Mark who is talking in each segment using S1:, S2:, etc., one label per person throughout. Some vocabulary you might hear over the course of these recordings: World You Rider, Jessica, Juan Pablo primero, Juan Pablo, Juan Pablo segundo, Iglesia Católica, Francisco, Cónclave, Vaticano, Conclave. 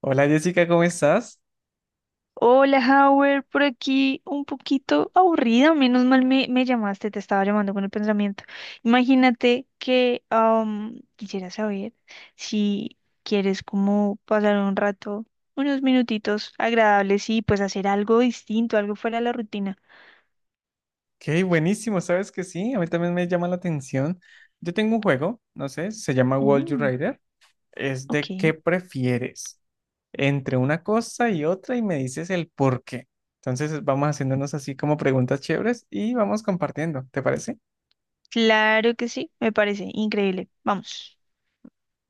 S1: Hola, Jessica, ¿cómo estás?
S2: Hola, Howard, por aquí un poquito aburrida, menos mal me llamaste, te estaba llamando con el pensamiento. Imagínate que quisiera saber si quieres como pasar un rato, unos minutitos agradables y pues hacer algo distinto, algo fuera de la rutina.
S1: Qué buenísimo, ¿sabes que sí? A mí también me llama la atención. Yo tengo un juego, no sé, se llama World You
S2: Mm,
S1: Rider. Es
S2: ok,
S1: de qué prefieres entre una cosa y otra y me dices el por qué. Entonces vamos haciéndonos así como preguntas chéveres y vamos compartiendo, ¿te parece?
S2: claro que sí, me parece increíble. Vamos.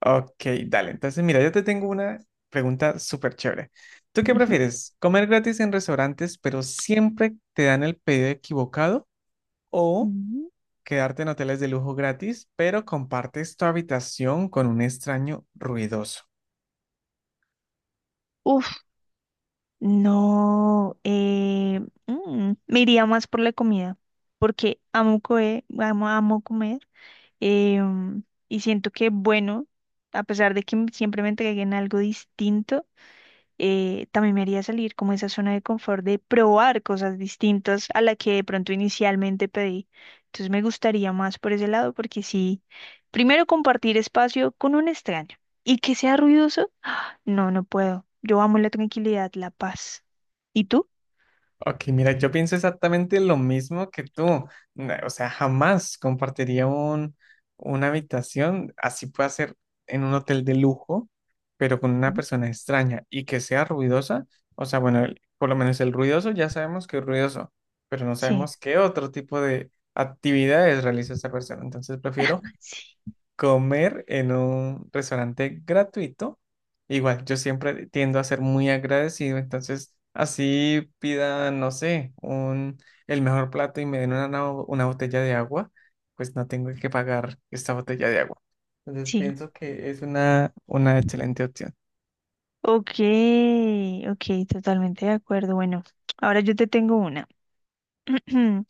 S1: Ok, dale. Entonces mira, yo te tengo una pregunta súper chévere. ¿Tú qué
S2: Ujú.
S1: prefieres? ¿Comer gratis en restaurantes pero siempre te dan el pedido equivocado?
S2: Ujú.
S1: ¿Quedarte en hoteles de lujo gratis, pero compartes tu habitación con un extraño ruidoso?
S2: Uf. No, me iría más por la comida, porque amo comer, amo, amo comer, eh, mm, y siento que, bueno, a pesar de que siempre me entreguen algo distinto, también me haría salir como esa zona de confort de probar cosas distintas a la que de pronto inicialmente pedí. Entonces me gustaría más por ese lado, porque sí, primero compartir espacio con un extraño y que sea ruidoso. No, no puedo. Yo amo la tranquilidad, la paz. ¿Y tú?
S1: Ok, mira, yo pienso exactamente lo mismo que tú. O sea, jamás compartiría una habitación, así puede ser en un hotel de lujo, pero con una
S2: ¿Mm?
S1: persona extraña y que sea ruidosa. O sea, bueno, por lo menos el ruidoso ya sabemos que es ruidoso, pero no
S2: Sí,
S1: sabemos qué otro tipo de actividades realiza esa persona. Entonces prefiero
S2: sí,
S1: comer en un restaurante gratuito. Igual, yo siempre tiendo a ser muy agradecido, entonces así pida, no sé, un, el mejor plato y me den una botella de agua, pues no tengo que pagar esta botella de agua. Entonces
S2: sí.
S1: pienso que es una excelente opción.
S2: Ok, ok, totalmente de acuerdo. Bueno, ahora yo te tengo una.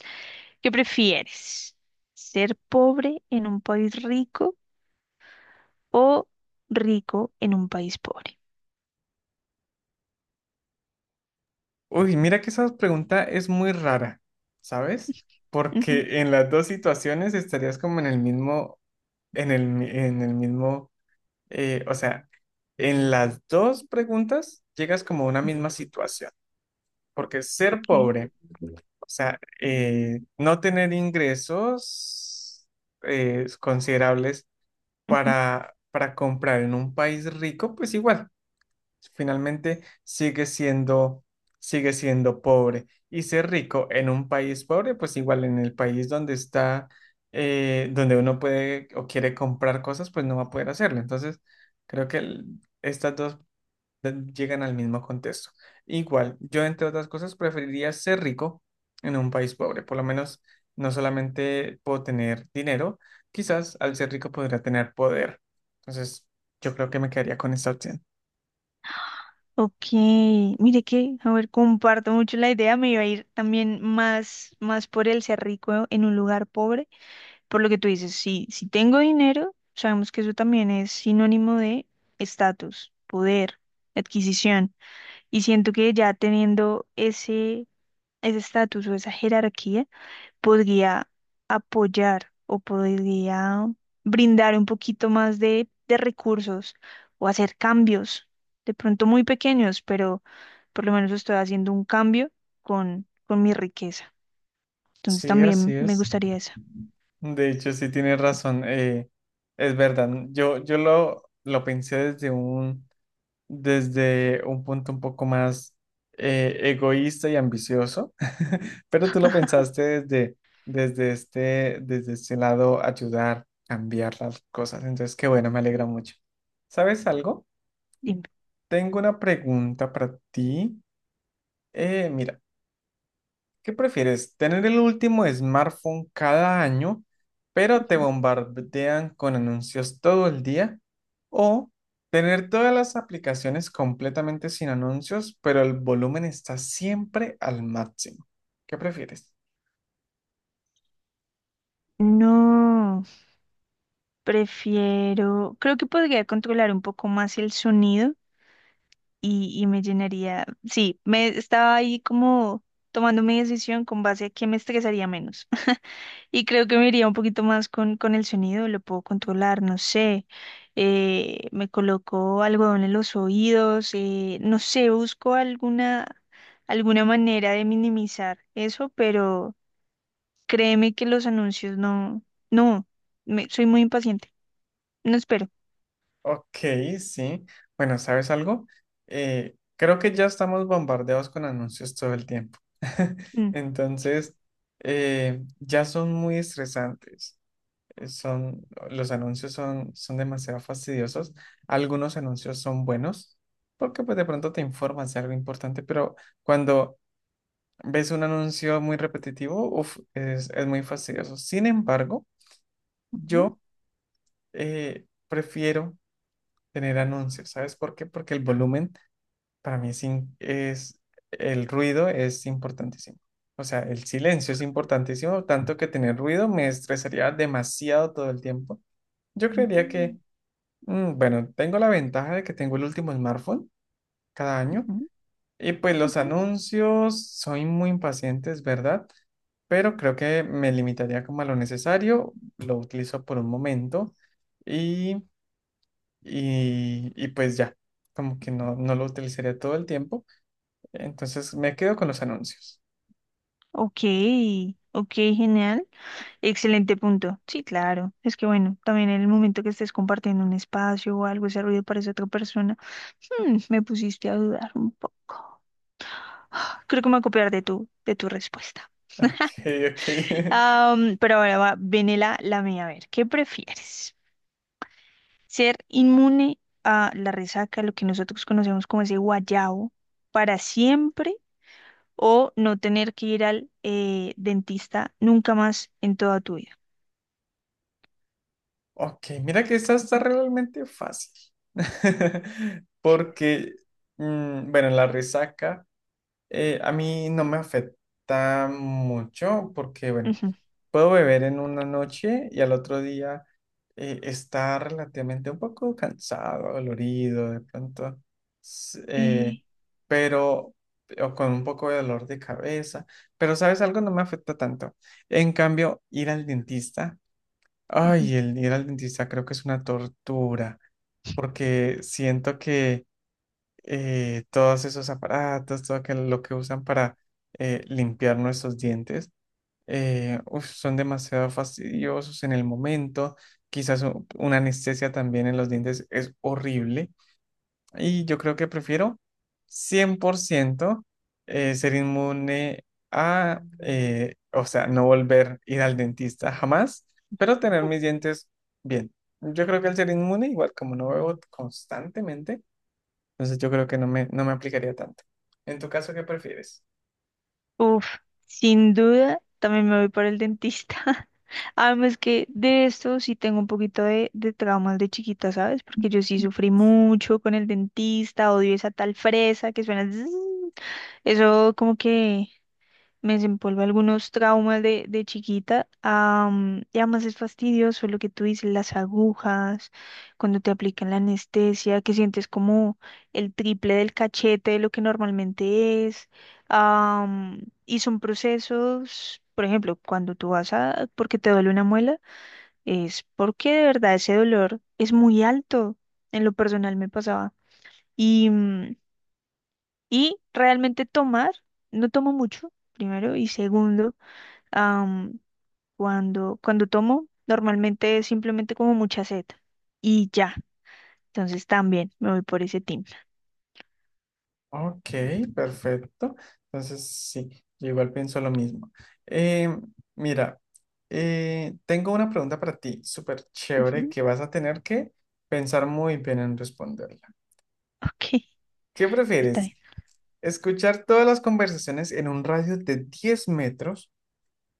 S2: ¿Qué prefieres? ¿Ser pobre en un país rico o rico en un país pobre?
S1: Uy, mira que esa pregunta es muy rara, ¿sabes?
S2: Ujú.
S1: Porque en las dos situaciones estarías como en el mismo, en en el mismo o sea, en las dos preguntas llegas como a una misma situación, porque ser
S2: Ok,
S1: pobre, o sea, no tener ingresos considerables
S2: ujú,
S1: para comprar en un país rico, pues igual finalmente sigue siendo pobre. Y ser rico en un país pobre, pues igual en el país donde está, donde uno puede o quiere comprar cosas, pues no va a poder hacerlo. Entonces, creo que estas dos llegan al mismo contexto. Igual, yo entre otras cosas preferiría ser rico en un país pobre. Por lo menos no solamente puedo tener dinero, quizás al ser rico podría tener poder. Entonces, yo creo que me quedaría con esta opción.
S2: ok. Mire que, a ver, comparto mucho la idea. Me iba a ir también más por el ser rico en un lugar pobre. Por lo que tú dices, si tengo dinero, sabemos que eso también es sinónimo de estatus, poder, adquisición. Y siento que ya teniendo ese estatus o esa jerarquía, podría apoyar o podría brindar un poquito más de recursos o hacer cambios, de pronto muy pequeños, pero por lo menos estoy haciendo un cambio con mi riqueza. Entonces
S1: Sí, así
S2: también me
S1: es.
S2: gustaría esa.
S1: De hecho, sí tienes razón. Es verdad. Yo lo pensé desde un punto un poco más egoísta y ambicioso, pero tú lo pensaste desde, desde este lado, ayudar, cambiar las cosas. Entonces, qué bueno, me alegra mucho. ¿Sabes algo?
S2: Dime.
S1: Tengo una pregunta para ti. Mira. ¿Qué prefieres? ¿Tener el último smartphone cada año, pero te bombardean con anuncios todo el día? ¿O tener todas las aplicaciones completamente sin anuncios, pero el volumen está siempre al máximo? ¿Qué prefieres?
S2: No. Prefiero, creo que podría controlar un poco más el sonido y me llenaría, sí, me estaba ahí como tomando mi decisión con base a que me estresaría menos. Y creo que me iría un poquito más con el sonido, lo puedo controlar, no sé, me coloco algodón en los oídos, no sé, alguna manera de minimizar eso, pero créeme que los anuncios no, no, soy muy impaciente, no espero.
S1: Ok, sí. Bueno, ¿sabes algo? Creo que ya estamos bombardeados con anuncios todo el tiempo.
S2: Mm.
S1: Entonces, ya son muy estresantes. Los anuncios son, son demasiado fastidiosos. Algunos anuncios son buenos porque pues de pronto te informas de algo importante, pero cuando ves un anuncio muy repetitivo, uf, es muy fastidioso. Sin embargo, yo prefiero tener anuncios. ¿Sabes por qué? Porque el volumen para mí es el ruido es importantísimo. O sea, el silencio es importantísimo, tanto que tener ruido me estresaría demasiado todo el tiempo. Yo creería
S2: Mm,
S1: que bueno, tengo la ventaja de que tengo el último smartphone cada año
S2: ujú,
S1: y pues los
S2: ujú.
S1: anuncios soy muy impaciente, es verdad, pero creo que me limitaría como a lo necesario, lo utilizo por un momento y, y pues ya, como que no lo utilizaría todo el tiempo, entonces me quedo con los anuncios.
S2: Ok, ok, genial. Excelente punto. Sí, claro. Es que bueno, también en el momento que estés compartiendo un espacio o algo, ese ruido parece otra persona. Mm, me pusiste a dudar un poco. Creo que me voy a copiar de tu respuesta.
S1: Ok, ok,
S2: Pero ahora va, viene la mía. A ver, ¿qué prefieres? ¿Ser inmune a la resaca, lo que nosotros conocemos como ese guayabo, para siempre? ¿O no tener que ir al dentista nunca más en toda tu vida?
S1: ok, mira que esta está realmente fácil porque, mm, bueno, en la resaca. A mí no me afecta mucho porque, bueno,
S2: Ujú.
S1: puedo beber en una noche y al otro día está relativamente un poco cansado, dolorido, de pronto, s- eh,
S2: Eh,
S1: pero, o con un poco de dolor de cabeza, pero ¿sabes algo? No me afecta tanto. En cambio, ir al dentista,
S2: ujú.
S1: ay, el ir al dentista creo que es una tortura porque siento que todos esos aparatos, lo que usan para limpiar nuestros dientes, uf, son demasiado fastidiosos en el momento. Quizás una anestesia también en los dientes es horrible. Y yo creo que prefiero 100% ser inmune o sea, no volver a ir al dentista jamás, pero tener mis dientes bien. Yo creo que al ser inmune, igual como no veo constantemente, entonces yo creo que no me aplicaría tanto. En tu caso, ¿qué prefieres?
S2: Uf, sin duda, también me voy por el dentista. Además que de esto sí tengo un poquito de traumas de chiquita, ¿sabes? Porque yo sí sufrí mucho con el dentista, odio esa tal fresa que suena zzzz. Eso como que me desempolva algunos traumas de chiquita. Y además es fastidioso lo que tú dices, las agujas, cuando te aplican la anestesia, que sientes como el triple del cachete de lo que normalmente es. am, y son procesos, por ejemplo, cuando tú vas a, porque te duele una muela, es porque de verdad ese dolor es muy alto. En lo personal me pasaba. Y, mm, y realmente tomar, no tomo mucho, primero, y segundo. Am, Cuando, cuando tomo, normalmente es simplemente como mucha sed y ya. Entonces también me voy por ese team.
S1: Ok, perfecto. Entonces sí, yo igual pienso lo mismo. Eh, Mira, tengo una pregunta para ti, súper chévere,
S2: Ujú.
S1: que vas a tener que pensar muy bien en responderla.
S2: Ok,
S1: ¿Qué
S2: está
S1: prefieres?
S2: bien.
S1: ¿Escuchar todas las conversaciones en un radio de 10 metros,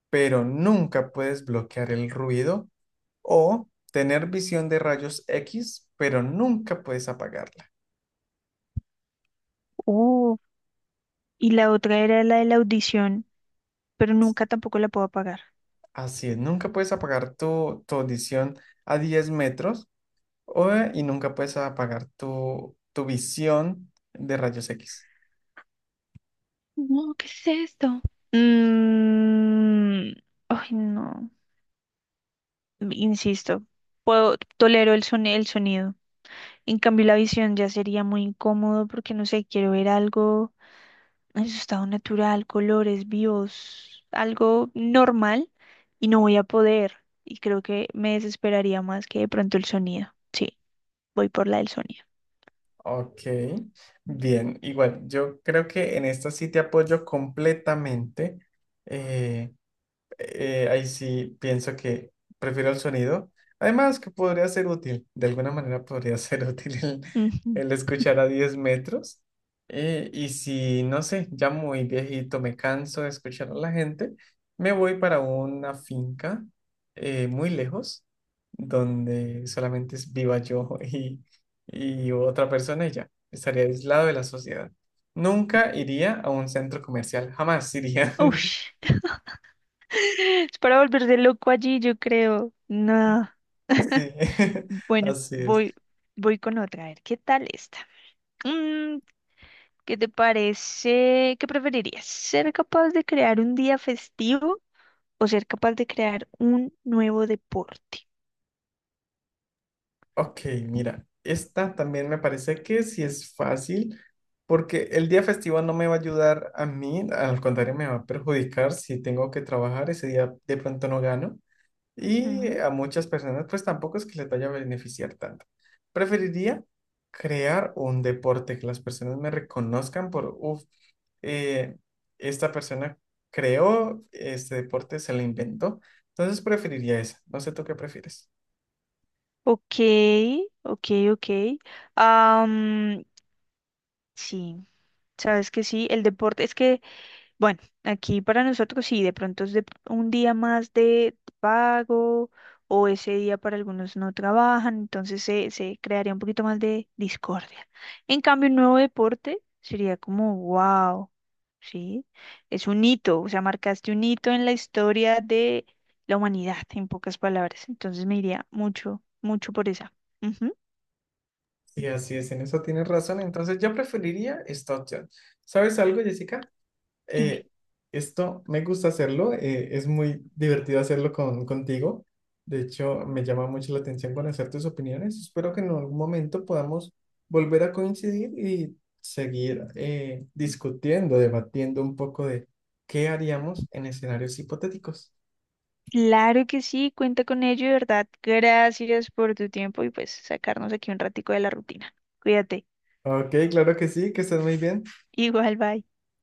S1: pero nunca puedes bloquear el ruido? ¿O tener visión de rayos X, pero nunca puedes apagarla?
S2: Oh, y la otra era la de la audición, pero nunca tampoco la puedo apagar.
S1: Así es, nunca puedes apagar tu audición a 10 metros y nunca puedes apagar tu visión de rayos X.
S2: No, ¿qué es esto? Mm, ay, no. Insisto, puedo, tolero el el sonido. En cambio, la visión ya sería muy incómodo porque no sé, quiero ver algo en su estado natural, colores vivos, algo normal y no voy a poder. Y creo que me desesperaría más que de pronto el sonido. Sí, voy por la del sonido.
S1: Ok, bien, igual, yo creo que en esta sí te apoyo completamente. Eh, ahí sí pienso que prefiero el sonido. Además, que podría ser útil, de alguna manera podría ser útil
S2: Ujú.
S1: el escuchar a 10 metros. Y si, no sé, ya muy viejito me canso de escuchar a la gente, me voy para una finca muy lejos, donde solamente es viva yo y otra persona y ya, estaría aislado de la sociedad. Nunca iría a un centro comercial, jamás iría.
S2: Ush. Es para volverse loco allí, yo creo. No.
S1: Sí,
S2: Bueno,
S1: así es.
S2: voy, voy con otra. A ver, ¿qué tal esta? Mm, ¿qué te parece? ¿Qué preferirías? ¿Ser capaz de crear un día festivo o ser capaz de crear un nuevo deporte?
S1: Ok, mira, esta también me parece que sí es fácil, porque el día festivo no me va a ayudar a mí, al contrario, me va a perjudicar si tengo que trabajar ese día, de pronto no gano. Y
S2: Ujú.
S1: a muchas personas, pues tampoco es que les vaya a beneficiar tanto. Preferiría crear un deporte, que las personas me reconozcan por, uff, esta persona creó este deporte, se lo inventó. Entonces preferiría esa. No sé tú qué prefieres.
S2: Ok, ok, ok. Am, sí, sabes que sí, el deporte es que bueno, aquí para nosotros sí, de pronto es de un día más de pago o ese día para algunos no trabajan, entonces se crearía un poquito más de discordia. En cambio, un nuevo deporte sería como, wow, sí, es un hito, o sea, marcaste un hito en la historia de la humanidad, en pocas palabras. Entonces me iría mucho, mucho por esa. Ujú.
S1: Sí, así es, en eso tienes razón. Entonces yo preferiría esta opción. ¿Sabes algo, Jessica? eh,
S2: Dime.
S1: Esto me gusta hacerlo, es muy divertido hacerlo contigo. De hecho, me llama mucho la atención conocer tus opiniones. Espero que en algún momento podamos volver a coincidir y seguir discutiendo, debatiendo un poco de qué haríamos en escenarios hipotéticos.
S2: Claro que sí, cuenta con ello, de verdad. Gracias por tu tiempo y pues sacarnos aquí un ratico de la rutina. Cuídate.
S1: Ok, claro que sí, que estés muy bien.
S2: Igual, bye.